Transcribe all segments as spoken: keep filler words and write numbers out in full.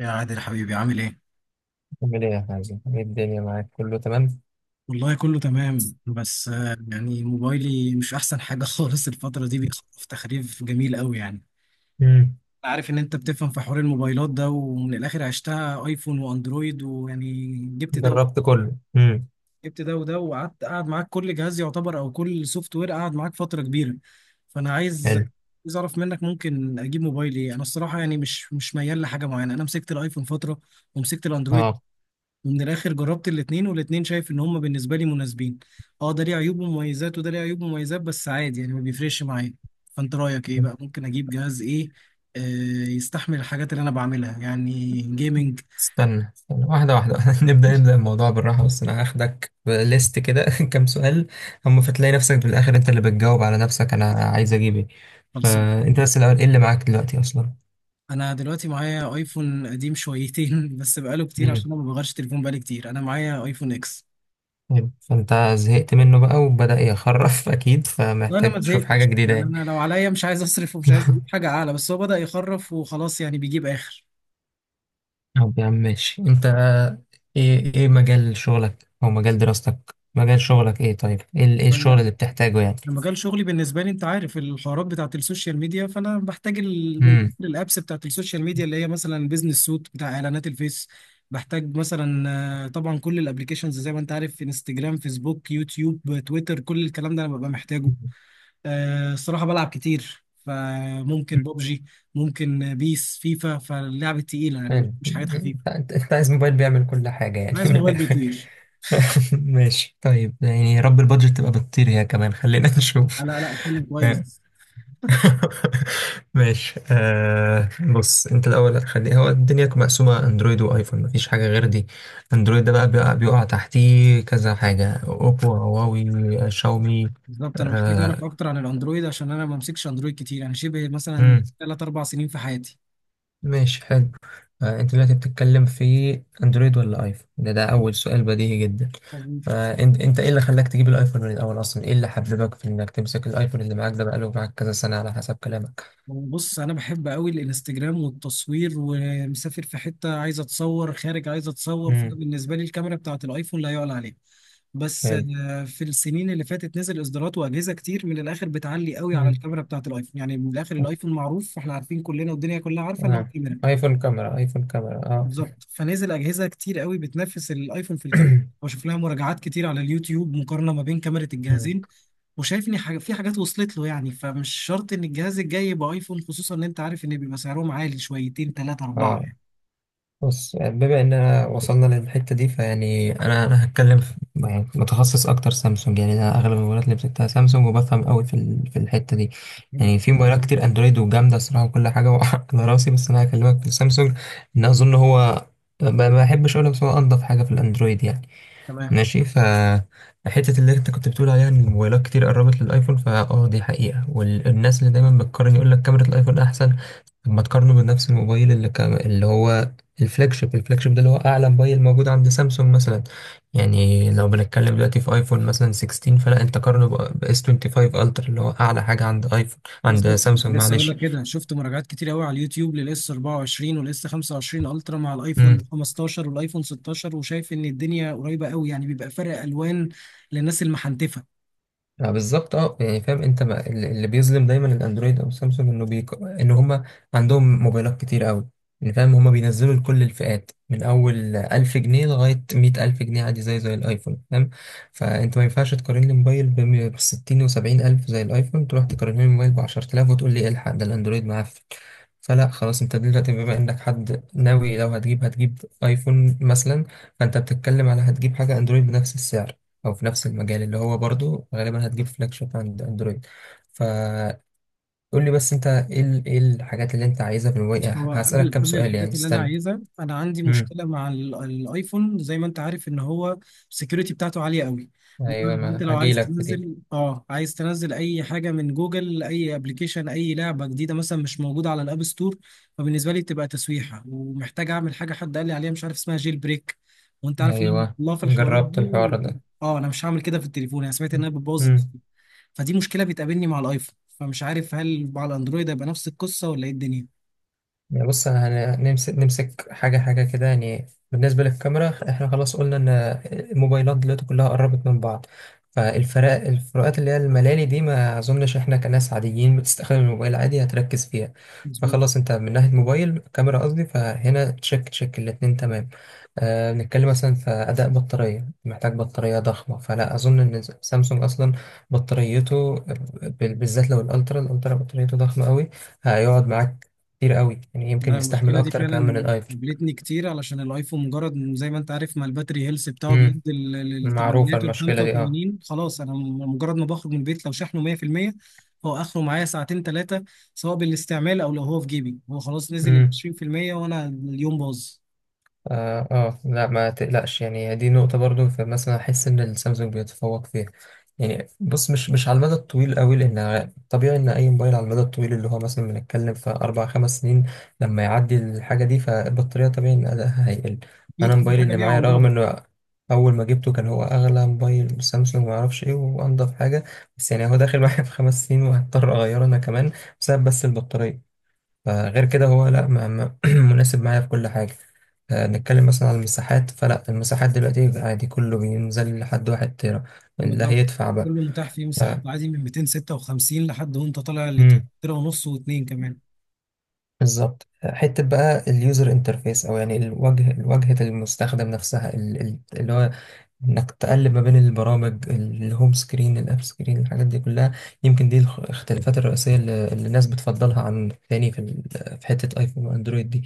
يا عادل حبيبي عامل ايه؟ عامل ايه يا حازم؟ ايه الدنيا معاك؟ كله تمام؟ والله كله تمام بس آه، يعني موبايلي مش احسن حاجة خالص الفترة دي بيخطف تخريف جميل قوي يعني. امم أنا عارف ان انت بتفهم في حوار الموبايلات ده ومن الاخر عشتها ايفون واندرويد ويعني جبت ده جربت كله. امم جبت ده وده وقعدت قاعد معاك كل جهاز يعتبر او كل سوفت وير قاعد معاك فترة كبيرة. فانا عايز حلو. عايز اعرف منك ممكن اجيب موبايل ايه، انا الصراحة يعني مش مش ميال لحاجة معينة، انا مسكت الايفون فترة ومسكت الاندرويد اه، ومن الاخر جربت الاتنين والاتنين شايف ان هما بالنسبه لي مناسبين، اه ده ليه عيوب ومميزات وده ليه عيوب ومميزات بس عادي يعني ما بيفرقش معايا. فانت رايك ايه بقى؟ ممكن اجيب جهاز ايه آه يستحمل الحاجات اللي انا بعملها يعني جيمنج. استنى استنى واحدة واحدة نبدأ نبدأ الموضوع بالراحة، بس أنا هاخدك بليست كده كام سؤال هم، فتلاقي نفسك في الآخر أنت اللي بتجاوب على نفسك، أنا عايز أجيب إيه. خلصان، فأنت بس الأول، إيه اللي معاك دلوقتي أصلا؟ انا دلوقتي معايا ايفون قديم شويتين بس بقاله كتير امم عشان انا ما بغيرش تليفون، بقالي كتير انا معايا ايفون اكس. حلو. فأنت زهقت منه بقى وبدأ يخرف أكيد، لا انا ما فمحتاج تشوف حاجة زهقتش جديدة يعني، يعني. انا لو عليا مش عايز اصرف ومش عايز اجيب حاجه اعلى، بس هو بدأ يخرف وخلاص يعني بيجيب اخر. طب يا عم ماشي، انت ايه ايه مجال شغلك او مجال دراستك، مجال شغلك ايه؟ طيب ايه ال- ايه طيب الشغل يعني اللي بتحتاجه يعني؟ انا مجال شغلي بالنسبه لي، انت عارف الحوارات بتاعه السوشيال ميديا، فانا بحتاج ال- من الآخر امم الابس بتاعه السوشيال ميديا اللي هي مثلا بيزنس سوت بتاع اعلانات الفيس، بحتاج مثلا آه، طبعا كل الابليكيشنز زي ما انت عارف انستجرام فيسبوك يوتيوب تويتر كل الكلام ده انا ببقى محتاجه. آه، الصراحه بلعب كتير فممكن ببجي ممكن بيس فيفا، فاللعب التقيله يعني مش حلو. مش حاجات انت خفيفه. انت- انت عايز موبايل بيعمل كل حاجة انا يعني، عايز من موبايل الاخر؟ بيطير. ماشي طيب، يعني يا رب البادجت تبقى بتطير هي كمان، خلينا لا نشوف. لا لا اتكلم كويس. ماشي آه. بص انت الاول، هتخلي هو الدنيا مقسومه اندرويد وايفون، مفيش حاجه غير دي. اندرويد ده بقى بيقع, بيقع تحتيه كذا حاجه، اوبو، هواوي، آه، شاومي. بالظبط انا محتاج آه. اعرف اكتر عن الاندرويد عشان انا ما بمسكش اندرويد كتير، انا شبه مثلا مم. تلاتة اربعة سنين في حياتي. ماشي حلو. آه، انت دلوقتي بتتكلم في اندرويد ولا ايفون؟ ده ده اول سؤال بديهي جدا. مظبوط. فانت انت ايه اللي خلاك تجيب الايفون من الاول اصلا، ايه اللي حببك في انك تمسك الايفون اللي معاك ده؟ بقاله معاك كذا سنه على حسب كلامك. بص انا بحب قوي الانستجرام والتصوير، ومسافر في حته عايز اتصور، خارج عايز اتصور، فده امم بالنسبه لي الكاميرا بتاعه الايفون لا يعلى عليها. بس حلو. آه، في السنين اللي فاتت نزل اصدارات واجهزه كتير من الاخر بتعلي قوي على مم. الكاميرا بتاعه الايفون، يعني من الاخر الايفون معروف، فاحنا عارفين كلنا والدنيا كلها عارفه ان هو آه. كاميرا. ايفون كاميرا، ايفون كاميرا، اه. بالظبط، فنزل اجهزه كتير قوي بتنافس الايفون في الكاميرا واشوف لها مراجعات كتير على اليوتيوب مقارنه ما بين كاميرا مم. الجهازين، وشايف ان حاجة في حاجات وصلت له يعني، فمش شرط ان الجهاز الجاي يبقى ايفون، خصوصا ان انت عارف ان بيبقى سعرهم عالي شويتين ثلاثه اربعه اه، بص بما اننا وصلنا للحته دي فيعني، انا انا هتكلم في- يعني متخصص اكتر سامسونج، يعني انا اغلب الموبايلات اللي مسكتها سامسونج، وبفهم قوي في ال- في الحته دي. يعني. يعني في موبايلات كتير اندرويد وجامده الصراحه وكل حاجه على راسي، بس انا هكلمك في سامسونج، ان اظن هو، ما ما بحبش اقولها، بس هو انضف حاجه في الاندرويد يعني. تمام. ماشي ف، حتة اللي انت كنت بتقول عليها ان الموبايلات كتير قربت للايفون، فا اه دي حقيقة. والناس اللي دايما بتقارن يقول لك كاميرا الايفون احسن، طب ما تقارنه بنفس الموبايل اللي كام... اللي هو الفلاج شيب. الفلاج شيب ده اللي هو اعلى موبايل موجود عند سامسونج مثلا. يعني لو بنتكلم دلوقتي في ايفون مثلا ستاشر، فلا انت قارنه ب اس خمسة وعشرين الترا اللي هو اعلى حاجة عند ايفون، عند بالظبط، كنت سامسونج، لسه اقول لك معلش. كده، شفت مراجعات كتير قوي على اليوتيوب للاس اربعة وعشرين والاس خمسة وعشرين الترا مع الايفون خمستاشر والايفون ستاشر، وشايف ان الدنيا قريبه قوي، يعني بيبقى فرق الوان للناس المحنتفه. آه بالظبط، اه. يعني فاهم انت، ما ال- اللي بيظلم دايما الاندرويد او سامسونج، انه بيك... ان هم عندهم موبايلات كتير قوي، يعني فاهم؟ هم بينزلوا لكل الفئات، من اول ألف جنيه لغايه مائة ألف جنيه عادي، زي زي الايفون، فاهم؟ فانت ما ينفعش تقارن لي موبايل ب ستين و70 الف زي الايفون، تروح تقارن لي موبايل ب عشر تلاف وتقول لي إيه الحق ده، الاندرويد معفن. فلا، خلاص انت دلوقتي بما انك حد ناوي لو هتجيب هتجيب ايفون مثلا، فانت بتتكلم على هتجيب حاجه اندرويد بنفس السعر او في نفس المجال، اللي هو برضو غالبا هتجيب فلاج شيب عند اندرويد. فقول لي بس انت ايه ال- ايه الحاجات اللي انت عايزها في الوي، بس هو هسألك قبل كام قبل سؤال يعني، الحاجات اللي انا استنى. عايزها، انا عندي امم مشكله مع ال- الايفون، زي ما انت عارف ان هو السكيورتي بتاعته عاليه قوي، ايوه، بمعنى ان انت ما لو عايز هجيلك في دي. تنزل اه عايز تنزل اي حاجه من جوجل، اي ابلكيشن اي لعبه جديده مثلا مش موجوده على الاب ستور، فبالنسبه لي بتبقى تسويحه، ومحتاج اعمل حاجه حد قال لي عليها مش عارف اسمها جيل بريك، وانت عارف ان أنا ايوه، الله في الحوارات جربت دي الحوار و... ده. اه انا مش هعمل كده في التليفون، انا سمعت انها بتبوظ مم. الدنيا. فدي مشكله بتقابلني مع الايفون، فمش عارف هل مع الاندرويد هيبقى نفس القصه ولا ايه الدنيا. يعني بص، انا هنمسك نمسك حاجه حاجه كده يعني. بالنسبه للكاميرا، احنا خلاص قلنا ان الموبايلات دلوقتي كلها قربت من بعض، فالفرق الفروقات اللي هي الملالي دي ما اظنش احنا كناس عاديين بتستخدم الموبايل عادي هتركز فيها. مظبوط. فخلاص انت من ناحيه موبايل، كاميرا قصدي، فهنا تشك تشك الاتنين تمام. أه، بنتكلم مثلا في اداء بطاريه، محتاج بطاريه ضخمه، فلا اظن ان سامسونج اصلا بطاريته، بال- بالذات لو الالترا، الالترا بطاريته ضخمه قوي، هيقعد معاك كتير قوي يعني، يمكن أنا يستحمل المشكلة دي اكتر كمان من فعلا الايفون. قابلتني كتير علشان الايفون مجرد إن زي ما انت عارف ما الباتري هيلث بتاعه بيقل امم معروفة للثمانينات وال المشكلة دي اه. خمسة وتمانين خلاص انا م- مجرد ما بخرج من البيت لو شحنه مية في المية هو اخره معايا ساعتين ثلاثة، سواء بالاستعمال او لو هو في جيبي، هو خلاص نزل ال امم عشرين في المية وانا اليوم باظ. اه. آه، لا ما تقلقش، يعني دي نقطة برضو، فمثلا أحس إن السامسونج بيتفوق فيها. يعني بص، مش مش على المدى الطويل قوي، لأن طبيعي إن أي موبايل على المدى الطويل، اللي هو مثلا بنتكلم في أربع خمس سنين، لما يعدي الحاجة دي فالبطارية طبيعي إن أدائها هيقل. اكيد أنا كل موبايلي حاجة اللي ليها معايا، رغم عمرها. إنه أول ما جبته كان هو أغلى موبايل سامسونج، معرفش إيه وأنضف حاجة، بس يعني هو داخل معايا في خمس سنين وهضطر أغيره أنا كمان بسبب بس البطارية. فغير كده هو لا، ما- ما- مناسب معايا في كل حاجة. آه، نتكلم مثلا على المساحات، فلا المساحات دلوقتي عادي كله بينزل لحد واحد تيرا، اللي بالظبط، هيدفع بقى كله متاح فيه ف... مساحات عادي من ميتين ستة وخمسين لحد وانت طالع مم، لتر ونص واتنين كمان. بالظبط. حتة بقى اليوزر انترفيس، او يعني الواجهة، واجهة المستخدم نفسها، ال- ال- اللي هو انك تقلب ما بين البرامج، الهوم سكرين، الاب سكرين، الحاجات دي كلها، يمكن دي الخ- الاختلافات الرئيسيه اللي اللي الناس بتفضلها عن التاني في ال- في حته ايفون واندرويد دي.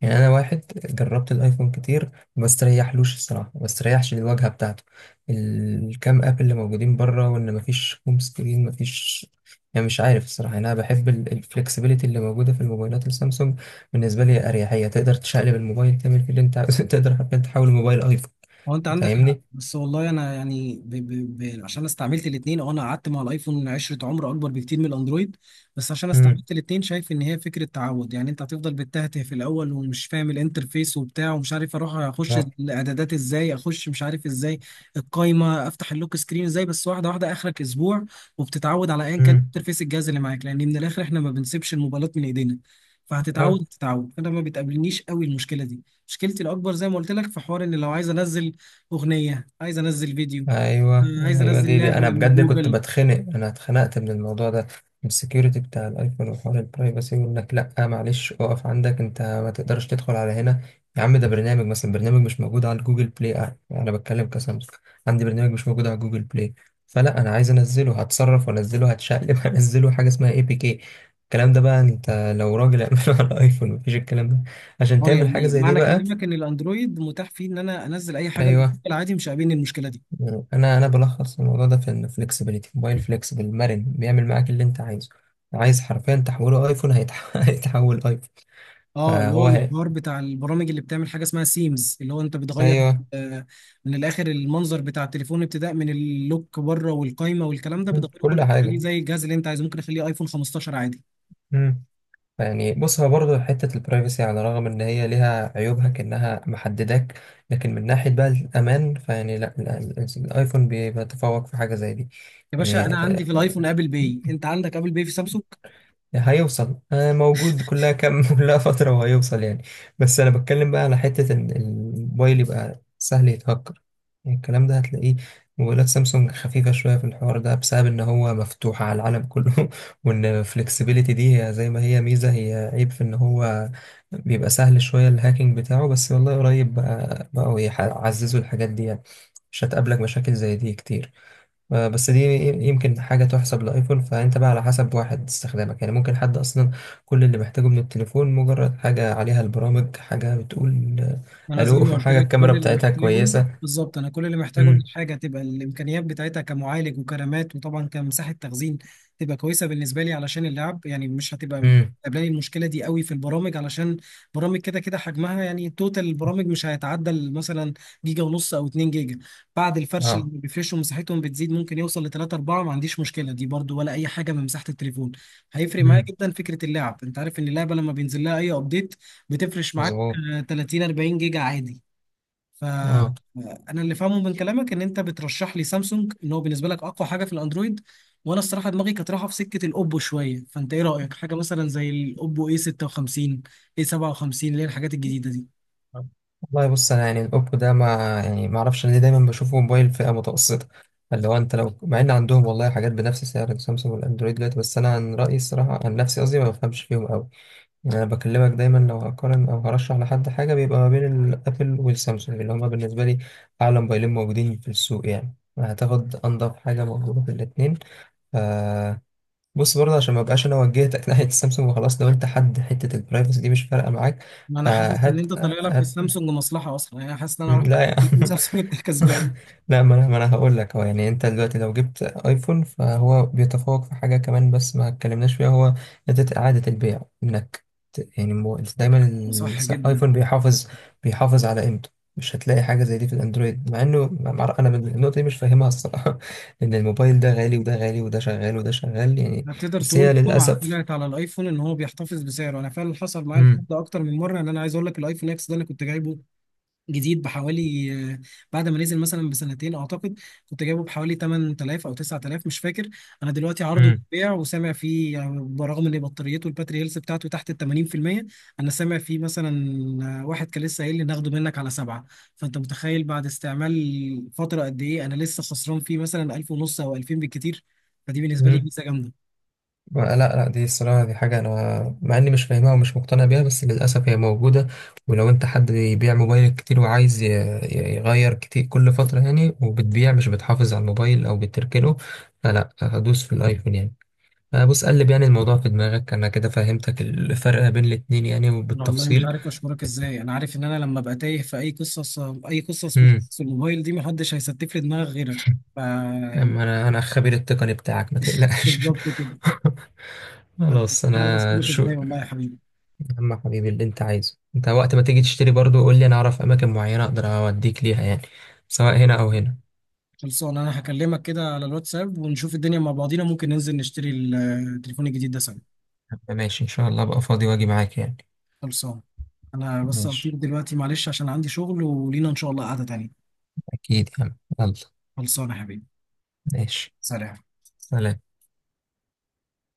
يعني انا واحد جربت الايفون كتير، ما استريحلوش الصراحه، ما استريحش للواجهه بتاعته، الكام اب اللي موجودين بره، وان ما فيش هوم سكرين ما فيش. يعني مش عارف الصراحه، يعني انا بحب الفلكسبيليتي اللي موجوده في الموبايلات السامسونج. بالنسبه لي اريحيه، تقدر تشقلب الموبايل تعمل فيه اللي انت عاوزه تقدر حتى تحول الموبايل ايفون. هو انت عندك حق، فاهمني. بس والله انا يعني ب... ب... ب... عشان استعملت الاثنين، اه انا قعدت مع الايفون عشرة، عمر اكبر بكتير من الاندرويد، بس عشان امم استعملت الاثنين شايف ان هي فكره تعود يعني، انت هتفضل بتتهته في الاول ومش فاهم الانترفيس وبتاع ومش عارف اروح اخش طب. الاعدادات ازاي، اخش مش عارف ازاي القايمه، افتح اللوك سكرين ازاي، بس واحده واحده اخرك اسبوع وبتتعود على ايا كان امم انترفيس الجهاز اللي معاك، لان من الاخر احنا ما بنسيبش الموبايلات من ايدينا، اه. فهتتعود تتعود. انا ما بتقابلنيش قوي المشكله دي، مشكلتي الاكبر زي ما قلت لك في حوار ان لو عايز انزل اغنيه، عايز انزل فيديو، ايوه. آه، عايز ايوه، انزل دي دي لعبه انا من بجد كنت جوجل. بتخنق، انا اتخنقت من الموضوع ده، من السكيورتي بتاع الايفون وحوار البرايفسي، وانك لا معلش اقف عندك، انت ما تقدرش تدخل على هنا. يا عم ده برنامج، مثلا برنامج مش موجود على جوجل بلاي، آه، انا بتكلم كسامسونج، عندي برنامج مش موجود على جوجل بلاي فلا، انا عايز انزله هتصرف وانزله، هتشقلب هنزله حاجه اسمها اي بي كي. الكلام ده بقى انت لو راجل اعمله على الايفون مفيش الكلام ده، عشان اه تعمل حاجه يعني زي دي معنى بقى. كلامك ان الاندرويد متاح فيه ان انا انزل اي حاجه من ايوه، جوجل عادي، مش قابلني المشكله دي. انا انا بلخص الموضوع ده في ان فليكسبيليتي، موبايل فليكسبل مرن بيعمل معاك اللي انت عايزه، عايز حرفيا تحوله ايفون، هيتح- هيتحول ايفون. اه، اللي هو فهو هي. الحوار بتاع البرامج اللي بتعمل حاجه اسمها سيمز، اللي هو انت بتغير ايوه. آه من الاخر المنظر بتاع التليفون، ابتداء من اللوك بره والقايمه والكلام ده مم. بتغيره كله، كل بتخليه حاجه. زي الجهاز اللي انت عايزه، ممكن اخليه ايفون خمستاشر عادي. مم. يعني بص، هو برضه حته البرايفسي، على الرغم ان هي ليها عيوبها كانها محدداك، لكن من ناحيه بقى الامان فيعني لا، ال- ال- الايفون بيتفوق في حاجه زي دي. يا باشا انا يعني عندي في الايفون ابل باي، آه، انت عندك ابل باي في سامسونج؟ هيوصل آه، موجود، كلها كام كلها فترة وهيوصل يعني. بس أنا بتكلم بقى على حتة إن الموبايل يبقى سهل يتهكر، يعني الكلام ده هتلاقيه، موبايلات سامسونج خفيفة شوية في الحوار ده، بسبب إن هو مفتوح على العالم كله وإن الفلكسبيليتي دي هي زي ما هي ميزة، هي عيب في إن هو بيبقى سهل شوية، الهاكينج بتاعه، بس والله قريب بقى بقوا يح- يعززوا الحاجات دي يعني، مش هتقابلك مشاكل زي دي كتير. آه، بس دي يمكن حاجة تحسب لأيفون. فأنت بقى على حسب واحد استخدامك يعني، ممكن حد أصلا كل اللي محتاجه من التليفون مجرد حاجة عليها البرامج، حاجة بتقول آه، انا زي ألو ما قلت حاجة لك الكاميرا كل اللي بتاعتها محتاجه، كويسة. بالظبط، انا كل اللي محتاجه ان امم الحاجه تبقى الامكانيات بتاعتها كمعالج وكرامات وطبعا كمساحه تخزين تبقى كويسه بالنسبه لي علشان اللعب، يعني مش هتبقى امم قابلاني المشكله دي قوي في البرامج علشان برامج كده كده حجمها، يعني توتال البرامج مش هيتعدى مثلا جيجا ونص او 2 جيجا، بعد الفرش اه. اللي بيفرشوا مساحتهم بتزيد ممكن يوصل ل تلاتة اربعة، ما عنديش مشكله دي برضو ولا اي حاجه من مساحه التليفون. هيفرق معايا امم جدا فكره اللعب، انت عارف ان اللعبه لما بينزل لها اي ابديت بتفرش معاك مظبوط. آه، تلاتين اربعين جيجا عادي. ف اه انا اللي فاهمه من كلامك ان انت بترشح لي سامسونج، ان هو بالنسبه لك اقوى حاجه في الاندرويد، وانا الصراحه دماغي كانت رايحه في سكه الاوبو شويه، فانت ايه رايك حاجه مثلا زي الاوبو اي ستة وخمسين اي سبعة وخمسين اللي هي الحاجات الجديده دي؟ والله، بص انا يعني الاوبو ده ما، يعني ما اعرفش ليه دايما بشوفه موبايل فئه متوسطه، اللي هو انت لو، مع ان عندهم والله حاجات بنفس سعر السامسونج والاندرويد دلوقتي، بس انا عن رايي الصراحه، عن نفسي قصدي، ما بفهمش فيهم قوي. انا بكلمك دايما لو هقارن او هرشح لحد حاجه بيبقى ما بين الابل والسامسونج، اللي هما بالنسبه لي اعلى موبايلين موجودين في السوق، يعني هتاخد انضف حاجه موجوده في الاتنين. ف بص برضه عشان ما بقاش انا وجهتك ناحيه السامسونج وخلاص، لو انت حد حته البرايفسي دي مش فارقه معاك، ما انا حاسس ان فهات انت طالع لك في هات. السامسونج مصلحه اصلا، يعني انا حاسس ان انا رحت لا يا تليفون عم، سامسونج انت كسبان. لا ما انا ما انا هقول لك هو يعني، انت دلوقتي لو جبت ايفون فهو بيتفوق في حاجه كمان بس ما اتكلمناش فيها، هو إعادة إعادة البيع، إنك ت- يعني مو- دايما صح جدا. الآيفون بيحافظ بيحافظ على قيمته، مش هتلاقي حاجة زي دي في الأندرويد، مع إنه مع- مع- أنا من النقطة دي مش فاهمها الصراحة إن الموبايل ده غالي وده غالي وده شغال وده شغال يعني، هتقدر بس هي تقول سمعه للأسف. طلعت على الايفون ان هو بيحتفظ بسعره، انا فعلا حصل معايا الحوار مم. ده اكتر من مره، ان انا عايز اقول لك الايفون اكس ده انا كنت جايبه جديد بحوالي آه، بعد ما نزل مثلا بسنتين اعتقد، كنت جايبه بحوالي تمن تلاف او تسعة آلاف مش فاكر. انا دلوقتي عرضه للبيع وسامع فيه يعني، برغم ان بطاريته الباتري هيلث بتاعته تحت ال تمانين في المية، انا سامع فيه مثلا آه، واحد كان لسه قايل لي ناخده منك على سبعه، فانت متخيل بعد استعمال فتره قد ايه انا لسه خسران فيه مثلا ألف ونص او الفين بالكتير، فدي بالنسبه لي مم. ميزه جامده. لا لا، دي الصراحة دي حاجة أنا مع إني مش فاهمها ومش مقتنع بيها، بس للأسف هي موجودة. ولو أنت حد بيبيع موبايل كتير وعايز ي- ي- يغير كتير كل فترة يعني، وبتبيع مش بتحافظ على الموبايل أو بتركنه، فلا هدوس في الأيفون يعني. أه بص، قلب يعني الموضوع في دماغك، أنا كده فهمتك الفرق بين الاتنين يعني، والله مش وبالتفصيل. عارف اشكرك ازاي، انا عارف ان انا لما ابقى تايه في اي قصص اي قصص من مم. قصص الموبايل دي محدش هيستف لي دماغ غيرك ف يعني. أما أنا، أنا الخبير التقني بتاعك ما تقلقش. بالظبط كده. مش خلاص عارف أنا اشكرك شو. ازاي والله يا حبيبي. يا عم حبيبي اللي انت عايزه، انت وقت ما تيجي تشتري برضو قول لي، انا اعرف اماكن معينة اقدر اوديك ليها يعني، سواء هنا او هنا. خلصان، انا هكلمك كده على الواتساب ونشوف الدنيا مع بعضينا، ممكن ننزل نشتري ال- التليفون الجديد ده سوا. طب ماشي ان شاء الله، ابقى فاضي واجي معاك يعني. خلصان، انا بس هطير ماشي، دلوقتي معلش عشان عندي شغل، ولينا ان شاء الله قعدة تانية. اكيد يا عم، يلا. خلصان يا حبيبي. ماشي. سلام. سلام.